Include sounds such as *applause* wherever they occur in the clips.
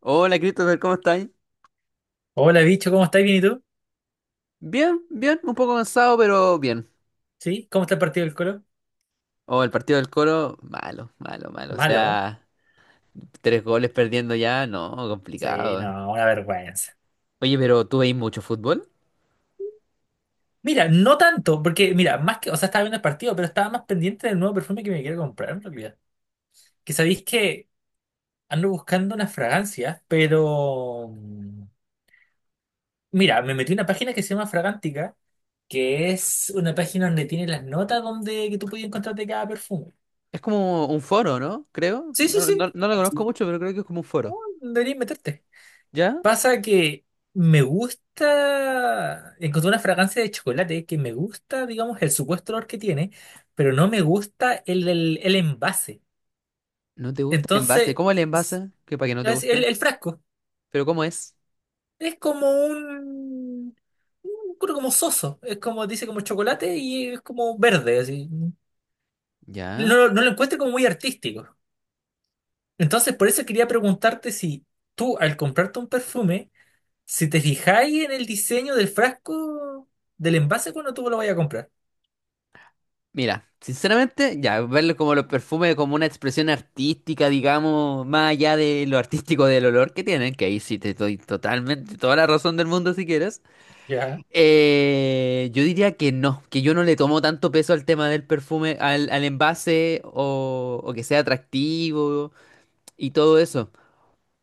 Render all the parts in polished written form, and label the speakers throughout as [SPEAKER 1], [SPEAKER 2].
[SPEAKER 1] Hola Christopher, ¿cómo estáis?
[SPEAKER 2] Hola, bicho, ¿cómo estás? ¿Bien y tú?
[SPEAKER 1] Bien, bien, un poco cansado, pero bien.
[SPEAKER 2] ¿Sí? ¿Cómo está el partido del Colo?
[SPEAKER 1] Oh, el partido del Colo, malo, malo, malo. O
[SPEAKER 2] Malo.
[SPEAKER 1] sea, tres goles perdiendo ya, no,
[SPEAKER 2] Sí,
[SPEAKER 1] complicado.
[SPEAKER 2] no, una vergüenza.
[SPEAKER 1] Oye, pero ¿tú veis mucho fútbol?
[SPEAKER 2] Mira, no tanto, porque mira, más que, o sea, estaba viendo el partido, pero estaba más pendiente del nuevo perfume que me quiero comprar en realidad. Que sabéis que ando buscando unas fragancias, pero mira, me metí en una página que se llama Fragántica, que es una página donde tiene las notas donde que tú puedes encontrarte cada perfume.
[SPEAKER 1] Es como un foro, ¿no? Creo.
[SPEAKER 2] Sí, sí,
[SPEAKER 1] No,
[SPEAKER 2] sí.
[SPEAKER 1] no, no lo conozco
[SPEAKER 2] Sí.
[SPEAKER 1] mucho, pero creo que es como un foro.
[SPEAKER 2] Oh, deberías meterte.
[SPEAKER 1] ¿Ya?
[SPEAKER 2] Pasa que me gusta, encontré una fragancia de chocolate que me gusta, digamos, el supuesto olor que tiene, pero no me gusta el envase.
[SPEAKER 1] ¿No te gusta el envase?
[SPEAKER 2] Entonces,
[SPEAKER 1] ¿Cómo el
[SPEAKER 2] s-
[SPEAKER 1] envase? Que para que no te
[SPEAKER 2] es el,
[SPEAKER 1] guste.
[SPEAKER 2] el frasco
[SPEAKER 1] ¿Pero cómo es?
[SPEAKER 2] es como un creo como soso, es como, dice como chocolate y es como verde, así.
[SPEAKER 1] ¿Ya?
[SPEAKER 2] No, no lo encuentro como muy artístico. Entonces, por eso quería preguntarte si tú, al comprarte un perfume, si te fijáis en el diseño del frasco, del envase cuando tú lo vayas a comprar.
[SPEAKER 1] Mira, sinceramente, ya, verlo como los perfumes como una expresión artística, digamos, más allá de lo artístico del olor que tienen, que ahí sí te doy totalmente toda la razón del mundo si quieres.
[SPEAKER 2] Ya.
[SPEAKER 1] Yo diría que no, que yo no le tomo tanto peso al tema del perfume, al envase o que sea atractivo y todo eso,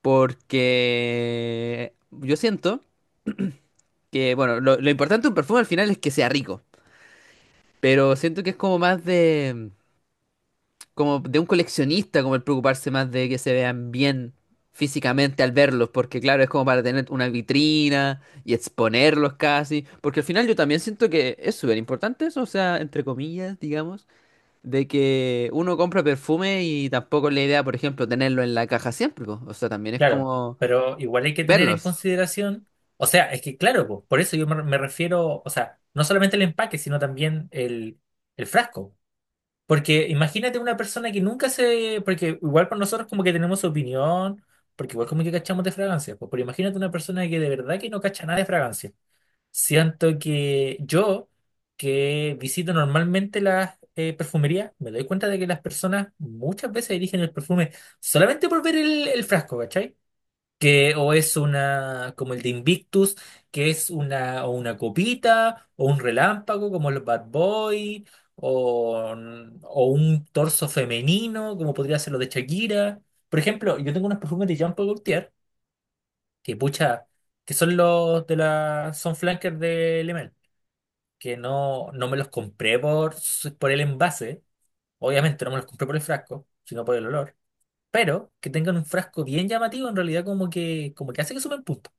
[SPEAKER 1] porque yo siento que, bueno, lo importante de un perfume al final es que sea rico, pero siento que es como más de, como de un coleccionista, como el preocuparse más de que se vean bien físicamente al verlos, porque claro, es como para tener una vitrina y exponerlos casi, porque al final yo también siento que es súper importante eso, o sea, entre comillas, digamos, de que uno compra perfume y tampoco es la idea, por ejemplo, tenerlo en la caja siempre, po. O sea, también es
[SPEAKER 2] Claro,
[SPEAKER 1] como
[SPEAKER 2] pero igual hay que tener en
[SPEAKER 1] verlos.
[SPEAKER 2] consideración, o sea, es que claro, po, por eso yo me refiero, o sea, no solamente el empaque, sino también el frasco. Porque imagínate una persona que nunca se, porque igual con nosotros como que tenemos opinión, porque igual como que cachamos de fragancias, po, pero imagínate una persona que de verdad que no cacha nada de fragancia. Siento que yo, que visito normalmente las perfumerías, me doy cuenta de que las personas muchas veces eligen el perfume solamente por ver el frasco, ¿cachai? Que o es una, como el de Invictus, que es una, o una copita, o un relámpago, como los Bad Boy, o, o un torso femenino, como podría ser lo de Shakira. Por ejemplo, yo tengo unos perfumes de Jean Paul Gaultier, que pucha, que son los de la, son flankers de Le que no, no me los compré por, por el envase. Obviamente no me los compré por el frasco, sino por el olor. Pero que tengan un frasco bien llamativo, en realidad como que hace que suben puntos.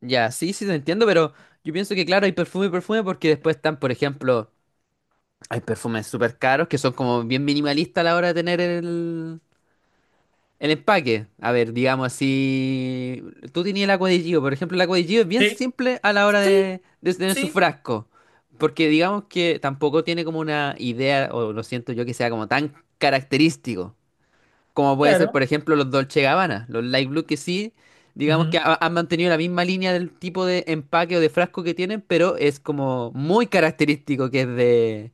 [SPEAKER 1] Ya, sí, sí, te entiendo, pero yo pienso que claro, hay perfume y perfume porque después están, por ejemplo, hay perfumes súper caros que son como bien minimalistas a la hora de tener el empaque, a ver, digamos, así, tú tenías el agua de Gio, por ejemplo, el agua de Gio es bien
[SPEAKER 2] Sí.
[SPEAKER 1] simple a la hora
[SPEAKER 2] Sí,
[SPEAKER 1] de tener su
[SPEAKER 2] sí,
[SPEAKER 1] frasco, porque digamos que tampoco tiene como una idea, o lo siento yo, que sea como tan característico, como puede ser,
[SPEAKER 2] claro.
[SPEAKER 1] por ejemplo, los Dolce Gabbana, los Light Blue, que sí, digamos que
[SPEAKER 2] Ujú,
[SPEAKER 1] han mantenido la misma línea del tipo de empaque o de frasco que tienen, pero es como muy característico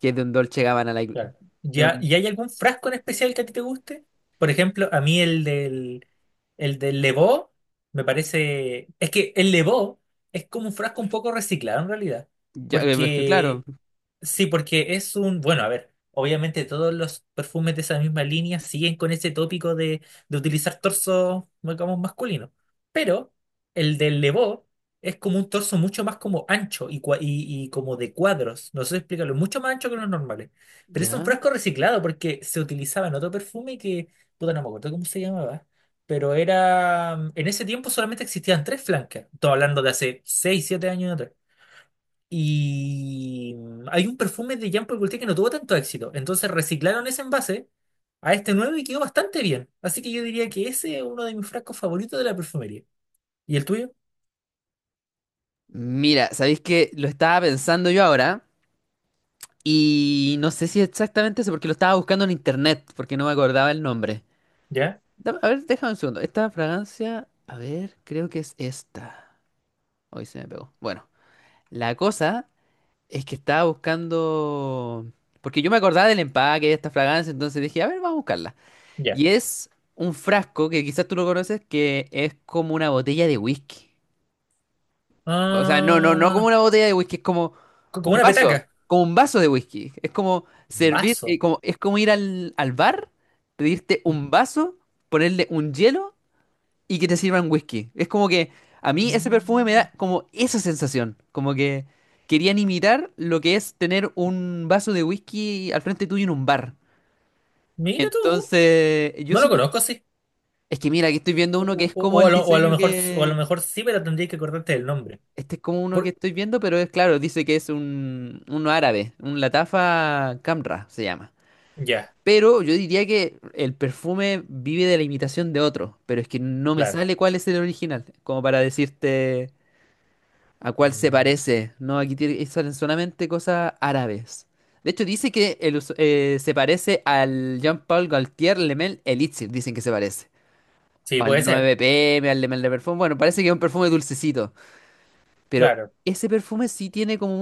[SPEAKER 1] que es de un Dolce Gabbana Light Blue.
[SPEAKER 2] claro.
[SPEAKER 1] De
[SPEAKER 2] ¿Ya, y
[SPEAKER 1] un-
[SPEAKER 2] hay algún frasco en especial que a ti te guste? Por ejemplo, a mí el del Levó me parece... Es que el Levó es como un frasco un poco reciclado en realidad.
[SPEAKER 1] ya, es que claro,
[SPEAKER 2] Porque sí, porque es un, bueno, a ver, obviamente todos los perfumes de esa misma línea siguen con ese tópico de utilizar torso, digamos, masculino. Pero el del Levo es como un torso mucho más como ancho y, y como de cuadros, no sé si explicarlo, mucho más ancho que los normales. Pero es un
[SPEAKER 1] ya.
[SPEAKER 2] frasco reciclado porque se utilizaba en otro perfume que, puta, no me acuerdo cómo se llamaba. Pero era, en ese tiempo solamente existían tres flancas. Estoy hablando de hace 6 7 años atrás. Y hay un perfume de Jean Paul Gaultier que no tuvo tanto éxito. Entonces reciclaron ese envase a este nuevo y quedó bastante bien. Así que yo diría que ese es uno de mis frascos favoritos de la perfumería. ¿Y el tuyo?
[SPEAKER 1] Mira, ¿sabéis que lo estaba pensando yo ahora? Y no sé si exactamente eso, porque lo estaba buscando en internet, porque no me acordaba el nombre.
[SPEAKER 2] ¿Ya?
[SPEAKER 1] A ver, déjame un segundo. Esta fragancia, a ver, creo que es esta. Hoy se me pegó. Bueno, la cosa es que estaba buscando. Porque yo me acordaba del empaque de esta fragancia, entonces dije, a ver, vamos a buscarla.
[SPEAKER 2] Ya.
[SPEAKER 1] Y es un frasco, que quizás tú lo conoces, que es como una botella de whisky. O sea, no, no, no como
[SPEAKER 2] Ah,
[SPEAKER 1] una botella de whisky, es como
[SPEAKER 2] como
[SPEAKER 1] un
[SPEAKER 2] una
[SPEAKER 1] vaso,
[SPEAKER 2] petaca.
[SPEAKER 1] como un vaso de whisky. Es como
[SPEAKER 2] Un
[SPEAKER 1] servir,
[SPEAKER 2] vaso.
[SPEAKER 1] como, es como ir al, al bar, pedirte un vaso, ponerle un hielo y que te sirvan whisky. Es como que a mí ese perfume me
[SPEAKER 2] Mm,
[SPEAKER 1] da como esa sensación, como que querían imitar lo que es tener un vaso de whisky al frente tuyo en un bar.
[SPEAKER 2] Mira tú.
[SPEAKER 1] Entonces, yo
[SPEAKER 2] No lo
[SPEAKER 1] siento que,
[SPEAKER 2] conozco, sí.
[SPEAKER 1] es que mira, aquí estoy viendo
[SPEAKER 2] O,
[SPEAKER 1] uno que es
[SPEAKER 2] o
[SPEAKER 1] como el
[SPEAKER 2] o a lo
[SPEAKER 1] diseño
[SPEAKER 2] mejor, o a lo
[SPEAKER 1] que…
[SPEAKER 2] mejor sí, pero tendría que acordarte del nombre.
[SPEAKER 1] Este es como uno que
[SPEAKER 2] Por-
[SPEAKER 1] estoy viendo, pero es claro, dice que es un, uno árabe, un Latafa Camra se llama.
[SPEAKER 2] Ya,
[SPEAKER 1] Pero yo diría que el perfume vive de la imitación de otro, pero es que no me
[SPEAKER 2] claro.
[SPEAKER 1] sale cuál es el original, como para decirte a cuál se
[SPEAKER 2] Mm,
[SPEAKER 1] parece. No, salen solamente cosas árabes. De hecho, dice que se parece al Jean-Paul Gaultier Le Mel Elixir, dicen que se parece.
[SPEAKER 2] sí,
[SPEAKER 1] O al
[SPEAKER 2] puede ser.
[SPEAKER 1] 9PM, al Le Mel de Perfume. Bueno, parece que es un perfume dulcecito, pero
[SPEAKER 2] Claro.
[SPEAKER 1] ese perfume sí tiene como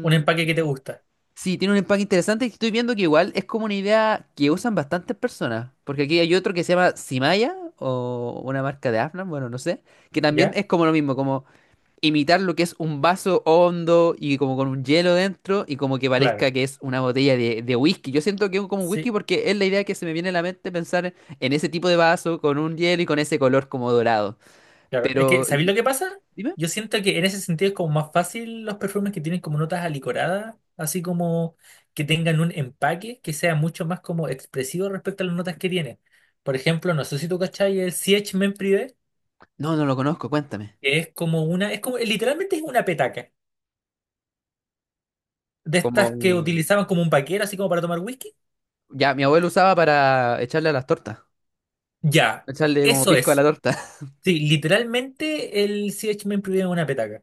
[SPEAKER 2] Un empaque que te gusta.
[SPEAKER 1] Sí, tiene un empaque interesante y estoy viendo que igual es como una idea que usan bastantes personas. Porque aquí hay otro que se llama Simaya o una marca de Afnan, bueno, no sé. Que también
[SPEAKER 2] ¿Ya?
[SPEAKER 1] es como lo mismo, como imitar lo que es un vaso hondo y como con un hielo dentro y como que
[SPEAKER 2] Claro.
[SPEAKER 1] parezca que es una botella de whisky. Yo siento que es como un whisky
[SPEAKER 2] Sí,
[SPEAKER 1] porque es la idea que se me viene a la mente pensar en ese tipo de vaso con un hielo y con ese color como dorado.
[SPEAKER 2] claro, es que,
[SPEAKER 1] Pero,
[SPEAKER 2] ¿sabéis lo que pasa?
[SPEAKER 1] dime.
[SPEAKER 2] Yo siento que en ese sentido es como más fácil los perfumes que tienen como notas alicoradas, así como que tengan un empaque que sea mucho más como expresivo respecto a las notas que tienen. Por ejemplo, no sé si tú cachai el CH Men Privé,
[SPEAKER 1] No, no lo conozco, cuéntame.
[SPEAKER 2] que es como una, es como, literalmente es una petaca, de
[SPEAKER 1] Como
[SPEAKER 2] estas que utilizaban como un paquero, así como para tomar whisky.
[SPEAKER 1] ya mi abuelo usaba para echarle a las tortas.
[SPEAKER 2] Ya,
[SPEAKER 1] Echarle como
[SPEAKER 2] eso
[SPEAKER 1] pisco a la
[SPEAKER 2] es.
[SPEAKER 1] torta. *laughs*
[SPEAKER 2] Sí, literalmente el CH Men Privé es una petaca.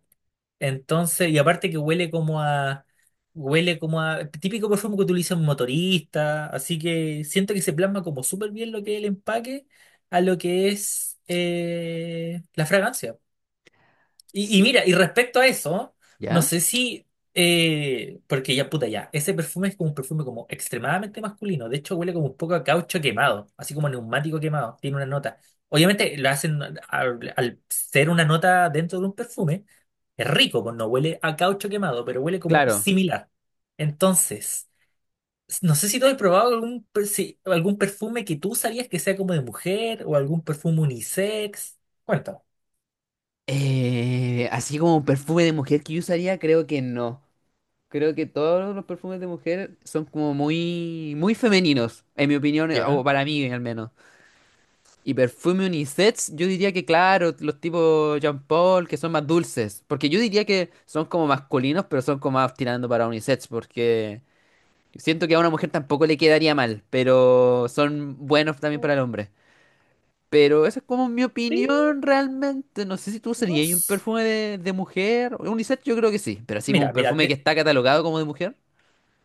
[SPEAKER 2] Entonces, y aparte que huele como a, típico perfume que utiliza un motorista, así que siento que se plasma como súper bien lo que es el empaque a lo que es la fragancia. Y
[SPEAKER 1] Sí,
[SPEAKER 2] mira, y respecto a eso, no
[SPEAKER 1] ¿ya?
[SPEAKER 2] sé si, porque ya puta ya, ese perfume es como un perfume como extremadamente masculino, de hecho huele como un poco a caucho quemado, así como a neumático quemado, tiene una nota. Obviamente lo hacen al ser una nota dentro de un perfume, es rico, pues no huele a caucho quemado, pero huele como
[SPEAKER 1] Claro.
[SPEAKER 2] similar. Entonces, no sé si tú has probado algún algún perfume que tú sabías que sea como de mujer o algún perfume unisex. Cuéntame.
[SPEAKER 1] Así como perfume de mujer que yo usaría, creo que no. Creo que todos los perfumes de mujer son como muy, muy femeninos, en mi opinión, o
[SPEAKER 2] ¿Ya?
[SPEAKER 1] para mí al menos. Y perfume unisex, yo diría que claro, los tipos Jean Paul, que son más dulces. Porque yo diría que son como masculinos, pero son como más tirando para unisex, porque siento que a una mujer tampoco le quedaría mal, pero son buenos también para el hombre. Pero esa es como mi
[SPEAKER 2] Sí,
[SPEAKER 1] opinión realmente. No sé si tú
[SPEAKER 2] no
[SPEAKER 1] usarías un
[SPEAKER 2] sé.
[SPEAKER 1] perfume de mujer. Unisex yo creo que sí, pero así como un
[SPEAKER 2] Mira, mira,
[SPEAKER 1] perfume que
[SPEAKER 2] de-
[SPEAKER 1] está catalogado como de mujer.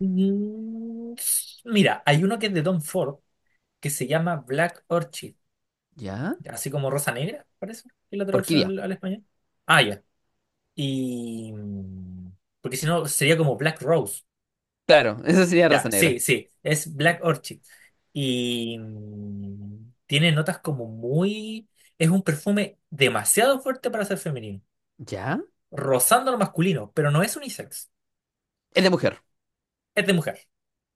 [SPEAKER 2] Mm, mira, hay uno que es de Don Ford que se llama Black Orchid,
[SPEAKER 1] ¿Ya?
[SPEAKER 2] así como Rosa Negra, parece, que es la traducción
[SPEAKER 1] Orquídea.
[SPEAKER 2] al español. Ah, ya. Y porque si no sería como Black Rose.
[SPEAKER 1] Claro, *laughs* esa sería
[SPEAKER 2] Ya,
[SPEAKER 1] raza negra.
[SPEAKER 2] sí, sí, es Black Orchid. Y tiene notas como muy... Es un perfume demasiado fuerte para ser femenino,
[SPEAKER 1] ¿Ya?
[SPEAKER 2] rozando lo masculino, pero no es unisex.
[SPEAKER 1] Es de mujer.
[SPEAKER 2] Es de mujer.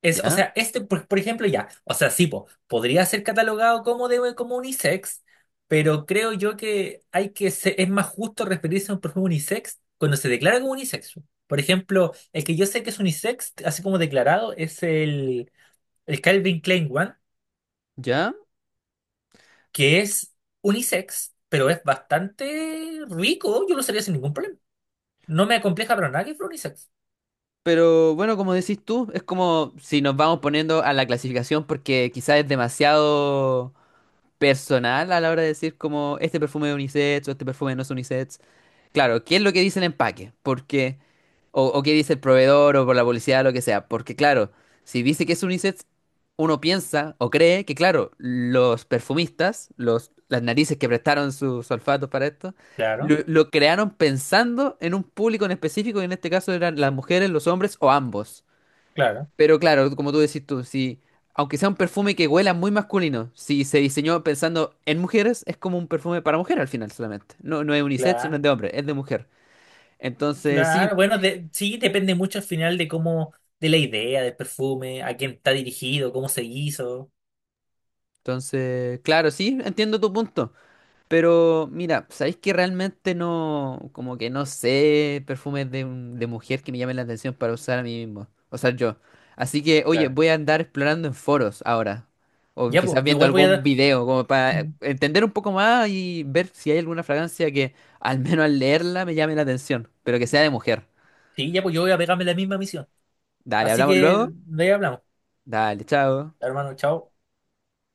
[SPEAKER 2] Es, o
[SPEAKER 1] ¿Ya?
[SPEAKER 2] sea, este, por ejemplo, ya, o sea, sí, po, podría ser catalogado como de como unisex, pero creo yo que hay que es más justo referirse a un perfume unisex cuando se declara como unisex. Por ejemplo, el que yo sé que es unisex, así como declarado, es el Calvin Klein One,
[SPEAKER 1] ¿Ya?
[SPEAKER 2] que es unisex, pero es bastante rico, yo lo usaría sin ningún problema. No me acompleja para nada que fuera unisex.
[SPEAKER 1] Pero bueno, como decís tú, es como si nos vamos poniendo a la clasificación porque quizás es demasiado personal a la hora de decir como este perfume es unisex o este perfume no es unisex. Claro, ¿qué es lo que dice el empaque? Porque… O, o qué dice el proveedor o por la publicidad, lo que sea. Porque claro, si dice que es unisex, uno piensa o cree que claro, los perfumistas, los, las narices que prestaron sus olfatos para esto, lo,
[SPEAKER 2] Claro,
[SPEAKER 1] lo crearon pensando en un público en específico, y en este caso eran las mujeres, los hombres o ambos.
[SPEAKER 2] claro,
[SPEAKER 1] Pero claro, como tú decís tú, si, aunque sea un perfume que huela muy masculino, si se diseñó pensando en mujeres, es como un perfume para mujer al final solamente. No, no es unisex, no
[SPEAKER 2] claro.
[SPEAKER 1] es de hombre, es de mujer. Entonces, sí,
[SPEAKER 2] Claro, bueno, de- sí, depende mucho al final de cómo, de la idea del perfume, a quién está dirigido, cómo se hizo.
[SPEAKER 1] entonces, claro, sí, entiendo tu punto. Pero mira, ¿sabéis que realmente no, como que no sé perfumes de mujer que me llamen la atención para usar a mí mismo? O sea, yo. Así que, oye,
[SPEAKER 2] Claro.
[SPEAKER 1] voy a andar explorando en foros ahora. O
[SPEAKER 2] Ya,
[SPEAKER 1] quizás
[SPEAKER 2] pues, yo
[SPEAKER 1] viendo
[SPEAKER 2] igual voy
[SPEAKER 1] algún
[SPEAKER 2] a...
[SPEAKER 1] video, como para entender un poco más y ver si hay alguna fragancia que al menos al leerla me llame la atención, pero que sea de mujer.
[SPEAKER 2] Sí, ya, pues yo voy a pegarme la misma misión.
[SPEAKER 1] Dale,
[SPEAKER 2] Así
[SPEAKER 1] hablamos
[SPEAKER 2] que
[SPEAKER 1] luego.
[SPEAKER 2] de ahí hablamos.
[SPEAKER 1] Dale, chao.
[SPEAKER 2] Hermano, chao.